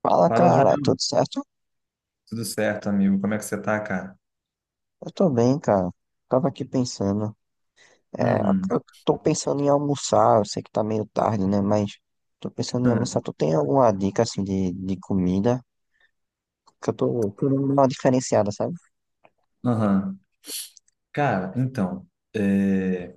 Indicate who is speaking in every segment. Speaker 1: Fala,
Speaker 2: Fala,
Speaker 1: cara,
Speaker 2: Julião.
Speaker 1: tudo certo?
Speaker 2: Tudo certo, amigo? Como é que você tá, cara?
Speaker 1: Eu tô bem, cara. Tava aqui pensando. É,
Speaker 2: Uhum.
Speaker 1: eu tô pensando em almoçar, eu sei que tá meio tarde, né? Mas tô pensando em almoçar.
Speaker 2: Ah.
Speaker 1: Tu tem alguma dica, assim, de comida? Que eu tô querendo dar uma diferenciada, sabe?
Speaker 2: Aham. Cara, então, é...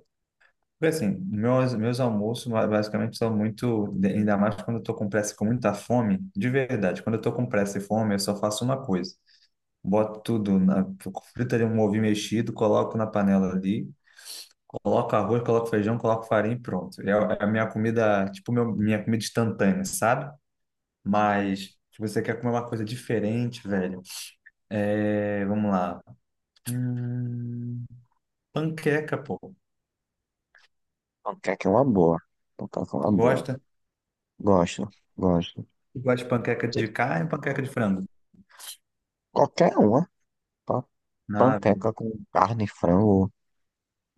Speaker 2: foi assim, meus almoços basicamente são muito, ainda mais quando eu tô com pressa e com muita fome, de verdade, quando eu tô com pressa e fome, eu só faço uma coisa, boto tudo, frito ali um ovo mexido, coloco na panela ali, coloco arroz, coloco feijão, coloco farinha e pronto. É, a é a minha comida, tipo, minha comida instantânea, sabe? Mas se você quer comer uma coisa diferente, velho, é, vamos lá. Hum, Panqueca, pô.
Speaker 1: Panqueca é uma boa. Panqueca é
Speaker 2: Tu
Speaker 1: uma boa.
Speaker 2: gosta?
Speaker 1: Gosto, gosto.
Speaker 2: Tu gosta de panqueca
Speaker 1: De-
Speaker 2: de carne ou panqueca de frango?
Speaker 1: Qualquer uma. Pa-
Speaker 2: Ah, velho.
Speaker 1: Panqueca com carne, frango,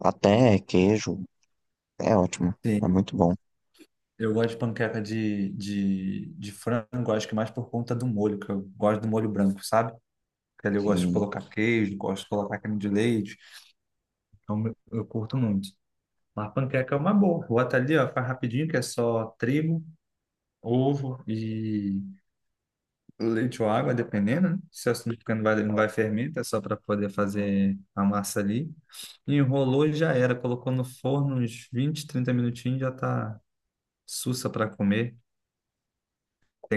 Speaker 1: até queijo. É ótimo. É
Speaker 2: Sim.
Speaker 1: muito bom.
Speaker 2: Eu gosto de panqueca de frango, acho que mais por conta do molho, que eu gosto do molho branco, sabe? Porque ali eu gosto de
Speaker 1: Sim,
Speaker 2: colocar queijo, gosto de colocar creme de leite. Então eu curto muito. Mas panqueca é uma boa. Bota ali, ó, faz rapidinho, que é só trigo, ovo e leite ou água, dependendo, né? Se a açúcar porque não vai fermento, é só para poder fazer a massa ali. Enrolou e já era. Colocou no forno uns 20, 30 minutinhos, já tá sussa para comer.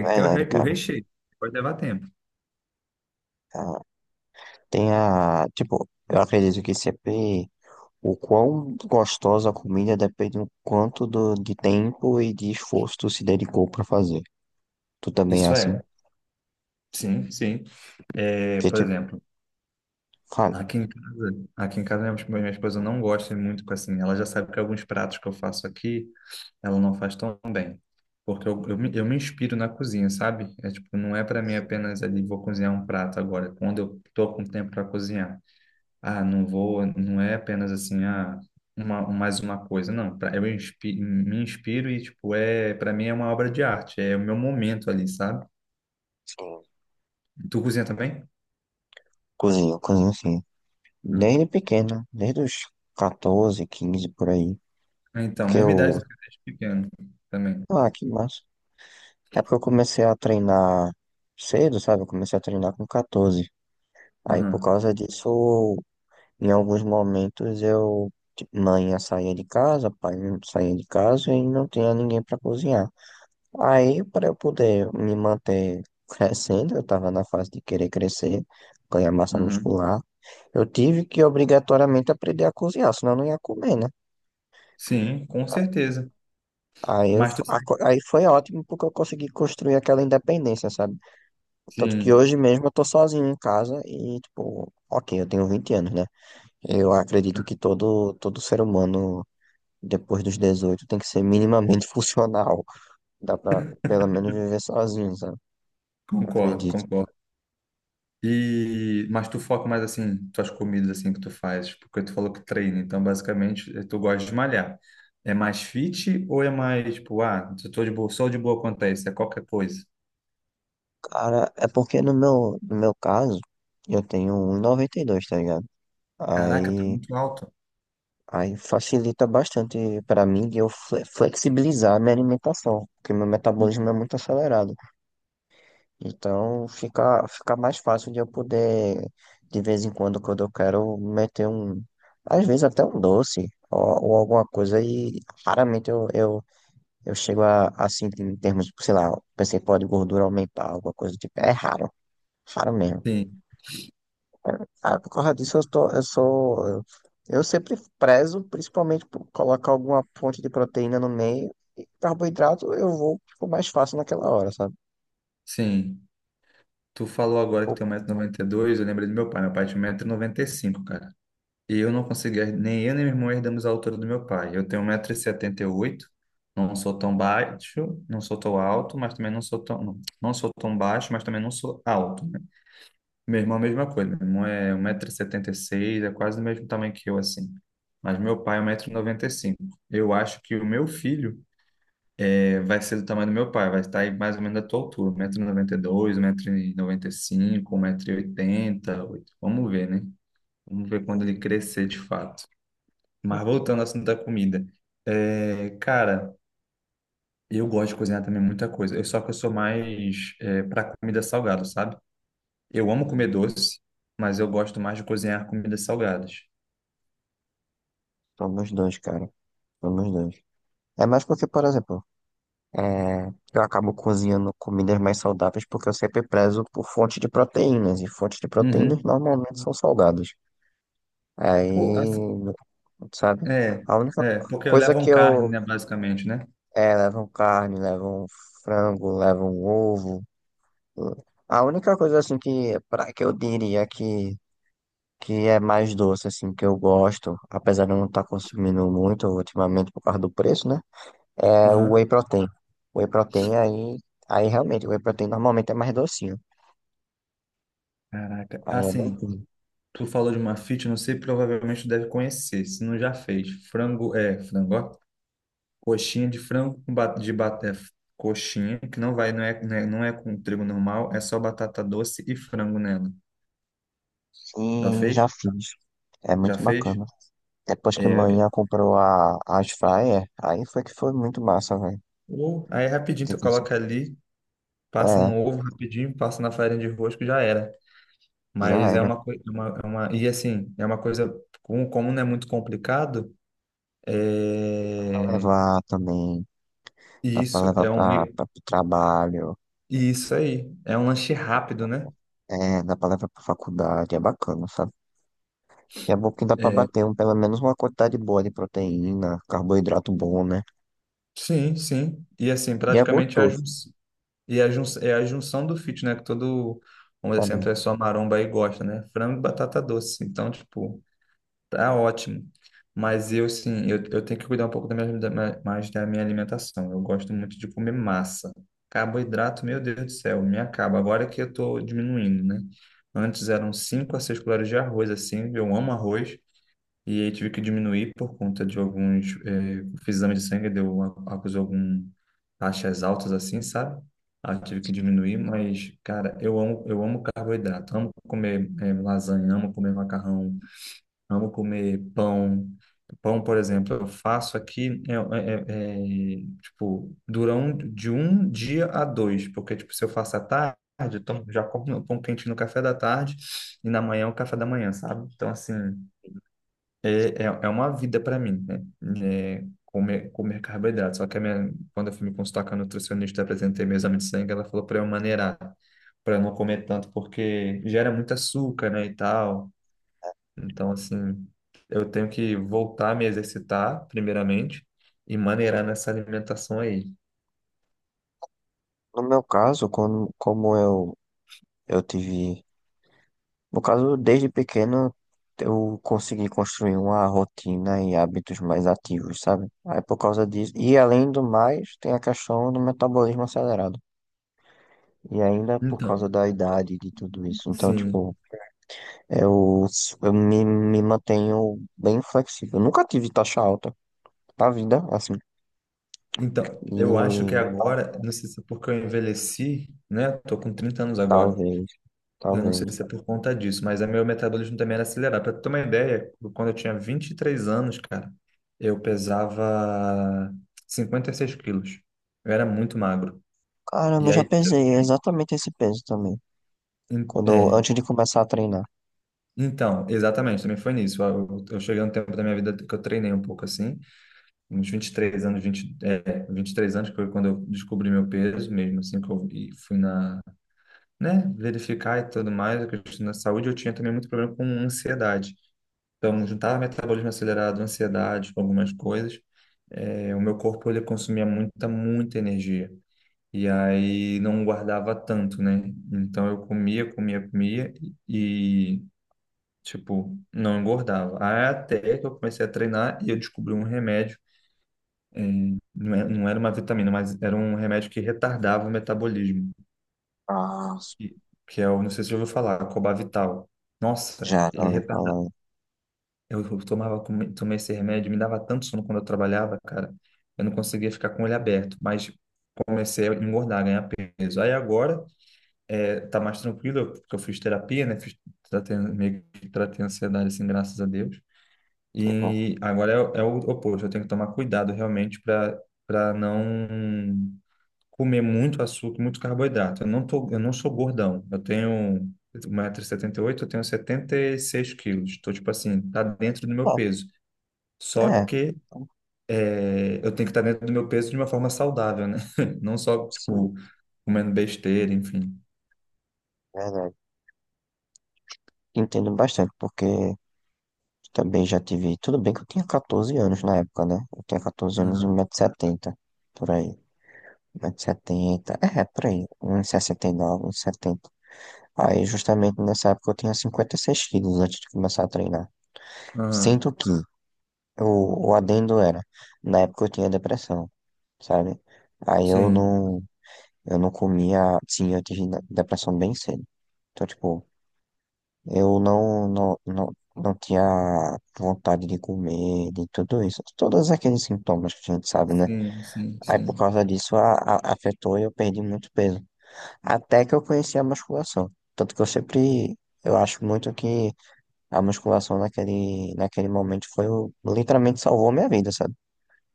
Speaker 1: é
Speaker 2: que ter o,
Speaker 1: verdade,
Speaker 2: re- o
Speaker 1: cara.
Speaker 2: recheio, pode levar tempo.
Speaker 1: É Tem a, tipo, eu acredito que CP, o quão gostosa a comida depende do quanto de tempo e de esforço tu se dedicou pra fazer. Tu também é
Speaker 2: Isso
Speaker 1: assim?
Speaker 2: é. Sim, sim. É,
Speaker 1: Que
Speaker 2: por
Speaker 1: tipo,
Speaker 2: exemplo,
Speaker 1: fala.
Speaker 2: aqui em casa minha esposa não gosta muito com assim. Ela já sabe que alguns pratos que eu faço aqui, ela não faz tão bem. Porque eu me inspiro na cozinha, sabe? É tipo, não é para mim apenas ali, vou cozinhar um prato agora, é quando eu tô com tempo para cozinhar. Ah, não vou, não é apenas assim, mais uma coisa, não. Me inspiro e, tipo, é, para mim é uma obra de arte, é o meu momento ali, sabe?
Speaker 1: Sim.
Speaker 2: Tu cozinha também?
Speaker 1: Cozinho, cozinho sim.
Speaker 2: Ah,
Speaker 1: Desde pequeno, desde os 14 15 por aí.
Speaker 2: então,
Speaker 1: Porque
Speaker 2: mesma
Speaker 1: eu.
Speaker 2: idade do que eu desde pequeno também.
Speaker 1: Ah, que massa. É porque eu comecei a treinar cedo, sabe? Eu comecei a treinar com catorze. Aí por
Speaker 2: Aham.
Speaker 1: causa disso em alguns momentos eu, mãe saía de casa, pai saía de casa e não tinha ninguém para cozinhar. Aí, para eu poder me manter crescendo, eu estava na fase de querer crescer, ganhar massa
Speaker 2: Uhum.
Speaker 1: muscular, eu tive que obrigatoriamente aprender a cozinhar, senão eu não ia comer, né?
Speaker 2: Sim, com certeza.
Speaker 1: Aí, eu,
Speaker 2: Mas
Speaker 1: f-
Speaker 2: tu
Speaker 1: a
Speaker 2: sai-
Speaker 1: co- aí foi ótimo porque eu consegui construir aquela independência, sabe? Tanto que
Speaker 2: sim,
Speaker 1: hoje mesmo eu tô sozinho em casa e, tipo, ok, eu tenho 20 anos, né? Eu acredito que todo ser humano depois dos 18 tem que ser minimamente funcional. Dá pra pelo menos viver sozinho, sabe?
Speaker 2: concordo,
Speaker 1: Acredito.
Speaker 2: concordo. E mas tu foca mais assim, tuas comidas assim que tu faz, porque tu falou que treina, então basicamente tu gosta de malhar. É mais fit ou é mais tipo, eu tô de boa, só de boa quanto a isso, é qualquer coisa.
Speaker 1: Cara, é porque no meu caso, eu tenho um e noventa e dois, tá ligado?
Speaker 2: Caraca, tá
Speaker 1: Aí,
Speaker 2: muito alto.
Speaker 1: aí facilita bastante pra mim de eu flexibilizar a minha alimentação, porque meu metabolismo é
Speaker 2: Uhum.
Speaker 1: muito acelerado. Então fica mais fácil de eu poder, de vez em quando, quando eu quero, meter um. Às vezes até um doce ou alguma coisa. E raramente eu chego a sentir em termos, sei lá, pensei, pode gordura aumentar, alguma coisa do tipo. É raro, raro mesmo.
Speaker 2: Sim,
Speaker 1: Ah, por causa disso, eu tô, eu sou. Eu sempre prezo, principalmente por colocar alguma fonte de proteína no meio. E carboidrato eu vou tipo, mais fácil naquela hora, sabe?
Speaker 2: sim. Tu falou agora que
Speaker 1: Ou-
Speaker 2: tem 1,92 m, eu lembrei do meu pai tinha 1,95 m, cara. E eu não consegui, nem eu nem meu irmão herdamos a altura do meu pai. Eu tenho 1,78 m, não sou tão baixo, não sou tão alto, mas também não sou tão, não, não sou tão baixo, mas também não sou alto, né? Meu irmão, a mesma coisa, meu irmão é 1,76 m, é quase do mesmo tamanho que eu, assim. Mas meu pai é 1,95 m. Eu acho que o meu filho vai ser do tamanho do meu pai, vai estar aí mais ou menos da tua altura, metro noventa e dois, um metro e dois 1,92 m, 1,95 m, e m vamos ver, né? Vamos ver quando ele
Speaker 1: Hum,
Speaker 2: crescer de fato. Mas voltando ao assunto da comida, é, cara, eu gosto de cozinhar também muita coisa. Eu só que eu sou mais é, para comida salgada, sabe? Eu amo comer
Speaker 1: hum.
Speaker 2: doce, mas eu gosto mais de cozinhar comidas salgadas.
Speaker 1: Tô nos dois, cara. Tô nos dois. É mais porque, por exemplo, é, eu acabo cozinhando comidas mais saudáveis porque eu sempre prezo por fonte de proteínas. E fontes de proteínas
Speaker 2: Uhum.
Speaker 1: normalmente são salgadas.
Speaker 2: Pô, assim,
Speaker 1: Aí, sabe?
Speaker 2: é,
Speaker 1: A única
Speaker 2: porque
Speaker 1: coisa
Speaker 2: levam
Speaker 1: que
Speaker 2: carne,
Speaker 1: eu.
Speaker 2: né, basicamente, né?
Speaker 1: É, levam carne, levam frango, levam ovo. A única coisa, assim, que eu diria que é mais doce, assim, que eu gosto, apesar de eu não estar consumindo muito ultimamente por causa do preço, né? É o whey
Speaker 2: Aham.
Speaker 1: protein. O whey protein aí. Aí realmente, o whey protein normalmente é mais docinho.
Speaker 2: Caraca,
Speaker 1: Aí é
Speaker 2: assim,
Speaker 1: bacana.
Speaker 2: tu falou de uma fit, não sei, provavelmente tu deve conhecer, se não já fez. Frango, frango, ó. Coxinha de frango com ba- de ba- é, coxinha, que não vai, não é, não é, não é com trigo normal, é só batata doce e frango nela. Já
Speaker 1: E já
Speaker 2: fez?
Speaker 1: fiz. É
Speaker 2: Já
Speaker 1: muito
Speaker 2: fez?
Speaker 1: bacana. Depois que
Speaker 2: É,
Speaker 1: manhã comprou a air fryer, aí foi que foi muito massa, velho.
Speaker 2: ou aí é rapidinho tu
Speaker 1: Tipo assim,
Speaker 2: coloca ali, passa no
Speaker 1: é,
Speaker 2: ovo rapidinho, passa na farinha de rosca e já era.
Speaker 1: já
Speaker 2: Mas é
Speaker 1: era.
Speaker 2: uma coisa, e assim, é uma coisa, como não é muito complicado, é,
Speaker 1: Dá pra levar também,
Speaker 2: e
Speaker 1: dá pra
Speaker 2: isso
Speaker 1: levar pro trabalho,
Speaker 2: e isso aí, é um lanche rápido, né?
Speaker 1: é, dá pra levar pra faculdade, é bacana, sabe? E é bom que dá pra
Speaker 2: É,
Speaker 1: bater um, pelo menos uma quantidade boa de proteína, carboidrato bom, né?
Speaker 2: sim, sim. E assim,
Speaker 1: E é
Speaker 2: praticamente é a, jun-
Speaker 1: gostoso.
Speaker 2: E a jun- é a junção do fit, né? Que todo, vamos dizer assim, a
Speaker 1: É.
Speaker 2: pessoa maromba aí gosta, né? Frango e batata doce. Então, tipo, tá ótimo. Mas eu, sim, eu tenho que cuidar um pouco mais da minha alimentação. Eu gosto muito de comer massa. Carboidrato, meu Deus do céu, me acaba. Agora que eu tô diminuindo, né? Antes eram 5 a 6 colheres de arroz, assim. Eu amo arroz. E aí tive que diminuir por conta de alguns, fiz exame de sangue, deu, acusou algum taxas altas assim, sabe? Aí eu tive que diminuir, mas, cara, eu amo carboidrato, amo comer lasanha, amo comer macarrão, amo comer pão. Pão, por exemplo, eu faço aqui, tipo, dura de um dia a dois, porque, tipo, se eu faço à tarde, eu tomo, já como meu pão quente no café da tarde e na manhã é o café da manhã, sabe? Então, assim. É, é uma vida para mim, né? É, comer, comer carboidrato. Só que a minha, quando eu fui me consultar com a nutricionista, apresentei meu exame de sangue, ela falou para eu maneirar, para não comer tanto, porque gera muito açúcar, né, e tal. Então, assim, eu tenho que voltar a me exercitar, primeiramente, e maneirar nessa alimentação aí.
Speaker 1: No meu caso, quando, como eu tive. No caso, desde pequeno eu consegui construir uma rotina e hábitos mais ativos, sabe? Aí por causa disso, e além do mais, tem a questão do metabolismo acelerado. E ainda por
Speaker 2: Então,
Speaker 1: causa da idade e de tudo isso. Então,
Speaker 2: sim.
Speaker 1: tipo, eu, me mantenho bem flexível. Eu nunca tive taxa alta na vida, assim.
Speaker 2: Então, eu acho que
Speaker 1: E
Speaker 2: agora, não sei se é porque eu envelheci, né? Tô com 30 anos agora.
Speaker 1: talvez,
Speaker 2: Eu não sei
Speaker 1: talvez.
Speaker 2: se é por conta disso, mas o meu metabolismo também era acelerado. Para ter uma ideia, quando eu tinha 23 anos, cara, eu pesava 56 quilos. Eu era muito magro.
Speaker 1: Caramba,
Speaker 2: E
Speaker 1: eu já
Speaker 2: aí,
Speaker 1: pesei exatamente esse peso também.
Speaker 2: em-
Speaker 1: Quando,
Speaker 2: é,
Speaker 1: antes de começar a treinar.
Speaker 2: então, exatamente, também foi nisso. Eu cheguei a um tempo da minha vida que eu treinei um pouco assim, uns 23 anos, 23 anos, que foi quando eu descobri meu peso mesmo, assim, que eu fui na, né, verificar e tudo mais, a questão da saúde. Eu tinha também muito problema com ansiedade. Então, juntava metabolismo acelerado, ansiedade, com algumas coisas. É, o meu corpo ele consumia muita, muita energia. E aí não guardava tanto, né? Então eu comia, comia, comia e, tipo, não engordava. Aí até que eu comecei a treinar e eu descobri um remédio. É, não era uma vitamina, mas era um remédio que retardava o metabolismo.
Speaker 1: Ah,
Speaker 2: Que que é o, não sei se você já ouviu falar, Cobavital. Nossa,
Speaker 1: já, já
Speaker 2: ele
Speaker 1: ouvi falar.
Speaker 2: Eu tomava, tomei esse remédio, me dava tanto sono quando eu trabalhava, cara. Eu não conseguia ficar com ele aberto, mas comecei a engordar, ganhar peso. Aí agora tá mais tranquilo, porque eu fiz terapia, né? Fiz, tratei, meio que tratei a ansiedade, assim, graças a Deus.
Speaker 1: Que bom.
Speaker 2: E agora é o oposto, eu tenho que tomar cuidado realmente para não comer muito açúcar, muito carboidrato. Eu não tô, eu não sou gordão, eu tenho 1,78 m, eu tenho 76 quilos. Estou, tipo assim, tá dentro do meu
Speaker 1: Ah,
Speaker 2: peso. Só
Speaker 1: é,
Speaker 2: que
Speaker 1: então,
Speaker 2: eu tenho que estar dentro do meu peso de uma forma saudável, né? Não só,
Speaker 1: sim,
Speaker 2: tipo, comendo besteira, enfim.
Speaker 1: verdade. Entendo bastante, porque também já tive. Tudo bem que eu tinha 14 anos na época, né? Eu tinha 14 anos e
Speaker 2: Aham,
Speaker 1: 170, setenta por aí. 170, setenta é, por aí. 1,69 m, 170, setenta. Aí, justamente nessa época, eu tinha 56 quilos antes de começar a treinar.
Speaker 2: aham.
Speaker 1: Sendo que o adendo era, na época eu tinha depressão, sabe? Aí
Speaker 2: Sim,
Speaker 1: eu não comia, sim, eu tive depressão bem cedo. Então, tipo. Eu não, não, não, não tinha vontade de comer, de tudo isso. Todos aqueles sintomas que a gente sabe, né?
Speaker 2: sim, sim,
Speaker 1: Aí por
Speaker 2: sim.
Speaker 1: causa disso afetou e eu perdi muito peso. Até que eu conheci a musculação. Tanto que eu sempre, eu acho muito que a musculação naquele momento foi o, literalmente salvou minha vida, sabe?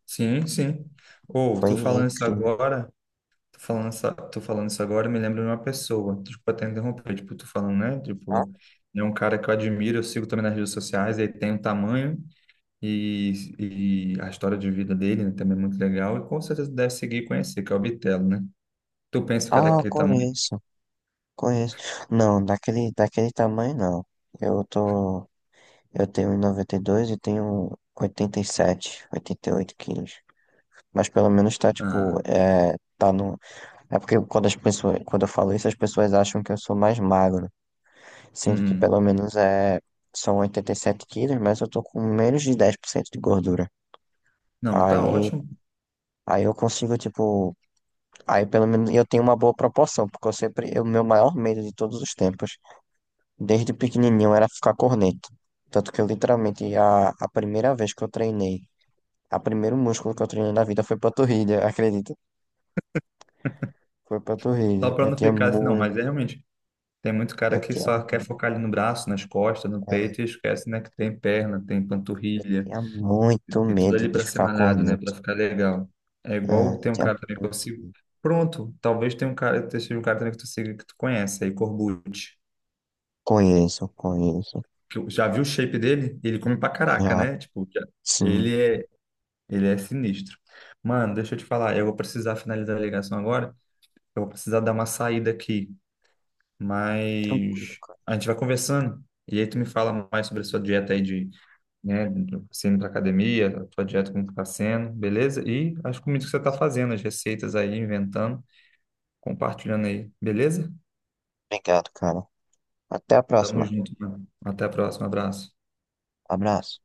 Speaker 2: Sim, sim. Ou,
Speaker 1: Foi incrível.
Speaker 2: tô falando isso agora, me lembro de uma pessoa. Desculpa até interromper, tipo, tô falando, né?
Speaker 1: Ah,
Speaker 2: Tipo, é um cara que eu admiro, eu sigo também nas redes sociais, ele tem um tamanho e a história de vida dele, né, também é muito legal, e com certeza deve seguir e conhecer, que é o Bitelo, né? Tu pensa em ficar daquele tamanho?
Speaker 1: conheço, conheço. Não, daquele tamanho não. Eu tô. Eu tenho 1,92 e noventa e dois e tenho 87, 88 quilos. Mas pelo menos tá,
Speaker 2: Ah,
Speaker 1: tipo, é, tá no... É porque quando as pessoas, quando eu falo isso, as pessoas acham que eu sou mais magro. Sendo que
Speaker 2: uhum.
Speaker 1: pelo menos é, são 87 quilos, mas eu tô com menos de 10% de gordura.
Speaker 2: Não, tá
Speaker 1: Aí,
Speaker 2: ótimo.
Speaker 1: aí eu consigo, tipo... Aí pelo menos eu tenho uma boa proporção, porque eu sempre... O meu maior medo de todos os tempos, desde pequenininho, era ficar corneto. Tanto que eu literalmente, a primeira vez que eu treinei, a primeiro músculo que eu treinei na vida foi panturrilha, acredita? Foi
Speaker 2: Só
Speaker 1: panturrilha.
Speaker 2: pra não ficar assim, não, mas é realmente. Tem muito cara
Speaker 1: Eu
Speaker 2: que
Speaker 1: tinha,
Speaker 2: só quer focar ali no braço, nas costas, no
Speaker 1: ah,
Speaker 2: peito e esquece, né, que tem perna, tem
Speaker 1: eu
Speaker 2: panturrilha,
Speaker 1: tinha muito
Speaker 2: tem tudo
Speaker 1: medo
Speaker 2: ali
Speaker 1: de
Speaker 2: pra ser
Speaker 1: ficar
Speaker 2: malhado, né,
Speaker 1: corneto.
Speaker 2: pra ficar legal. É
Speaker 1: É,
Speaker 2: igual
Speaker 1: eu
Speaker 2: tem um
Speaker 1: tinha
Speaker 2: cara também que eu
Speaker 1: muito
Speaker 2: sigo.
Speaker 1: medo.
Speaker 2: Pronto, talvez tenha um cara, seja um cara também que tu siga que tu conhece, aí Corbucci.
Speaker 1: Conheço, conheço.
Speaker 2: Já viu o shape dele? Ele come pra caraca,
Speaker 1: Já,
Speaker 2: né? Tipo,
Speaker 1: sim,
Speaker 2: ele é, ele é sinistro. Mano, deixa eu te falar, eu vou precisar finalizar a ligação agora. Eu vou precisar dar uma saída aqui,
Speaker 1: tranquilo,
Speaker 2: mas
Speaker 1: cara.
Speaker 2: a gente vai conversando. E aí tu me fala mais sobre a sua dieta aí de, né, você indo pra academia, a tua dieta como que tá sendo, beleza? E as comidas que você tá fazendo, as receitas aí, inventando, compartilhando aí, beleza?
Speaker 1: Obrigado, cara. Até a
Speaker 2: Tamo
Speaker 1: próxima.
Speaker 2: junto, mano. Até a próxima, abraço.
Speaker 1: Abraço.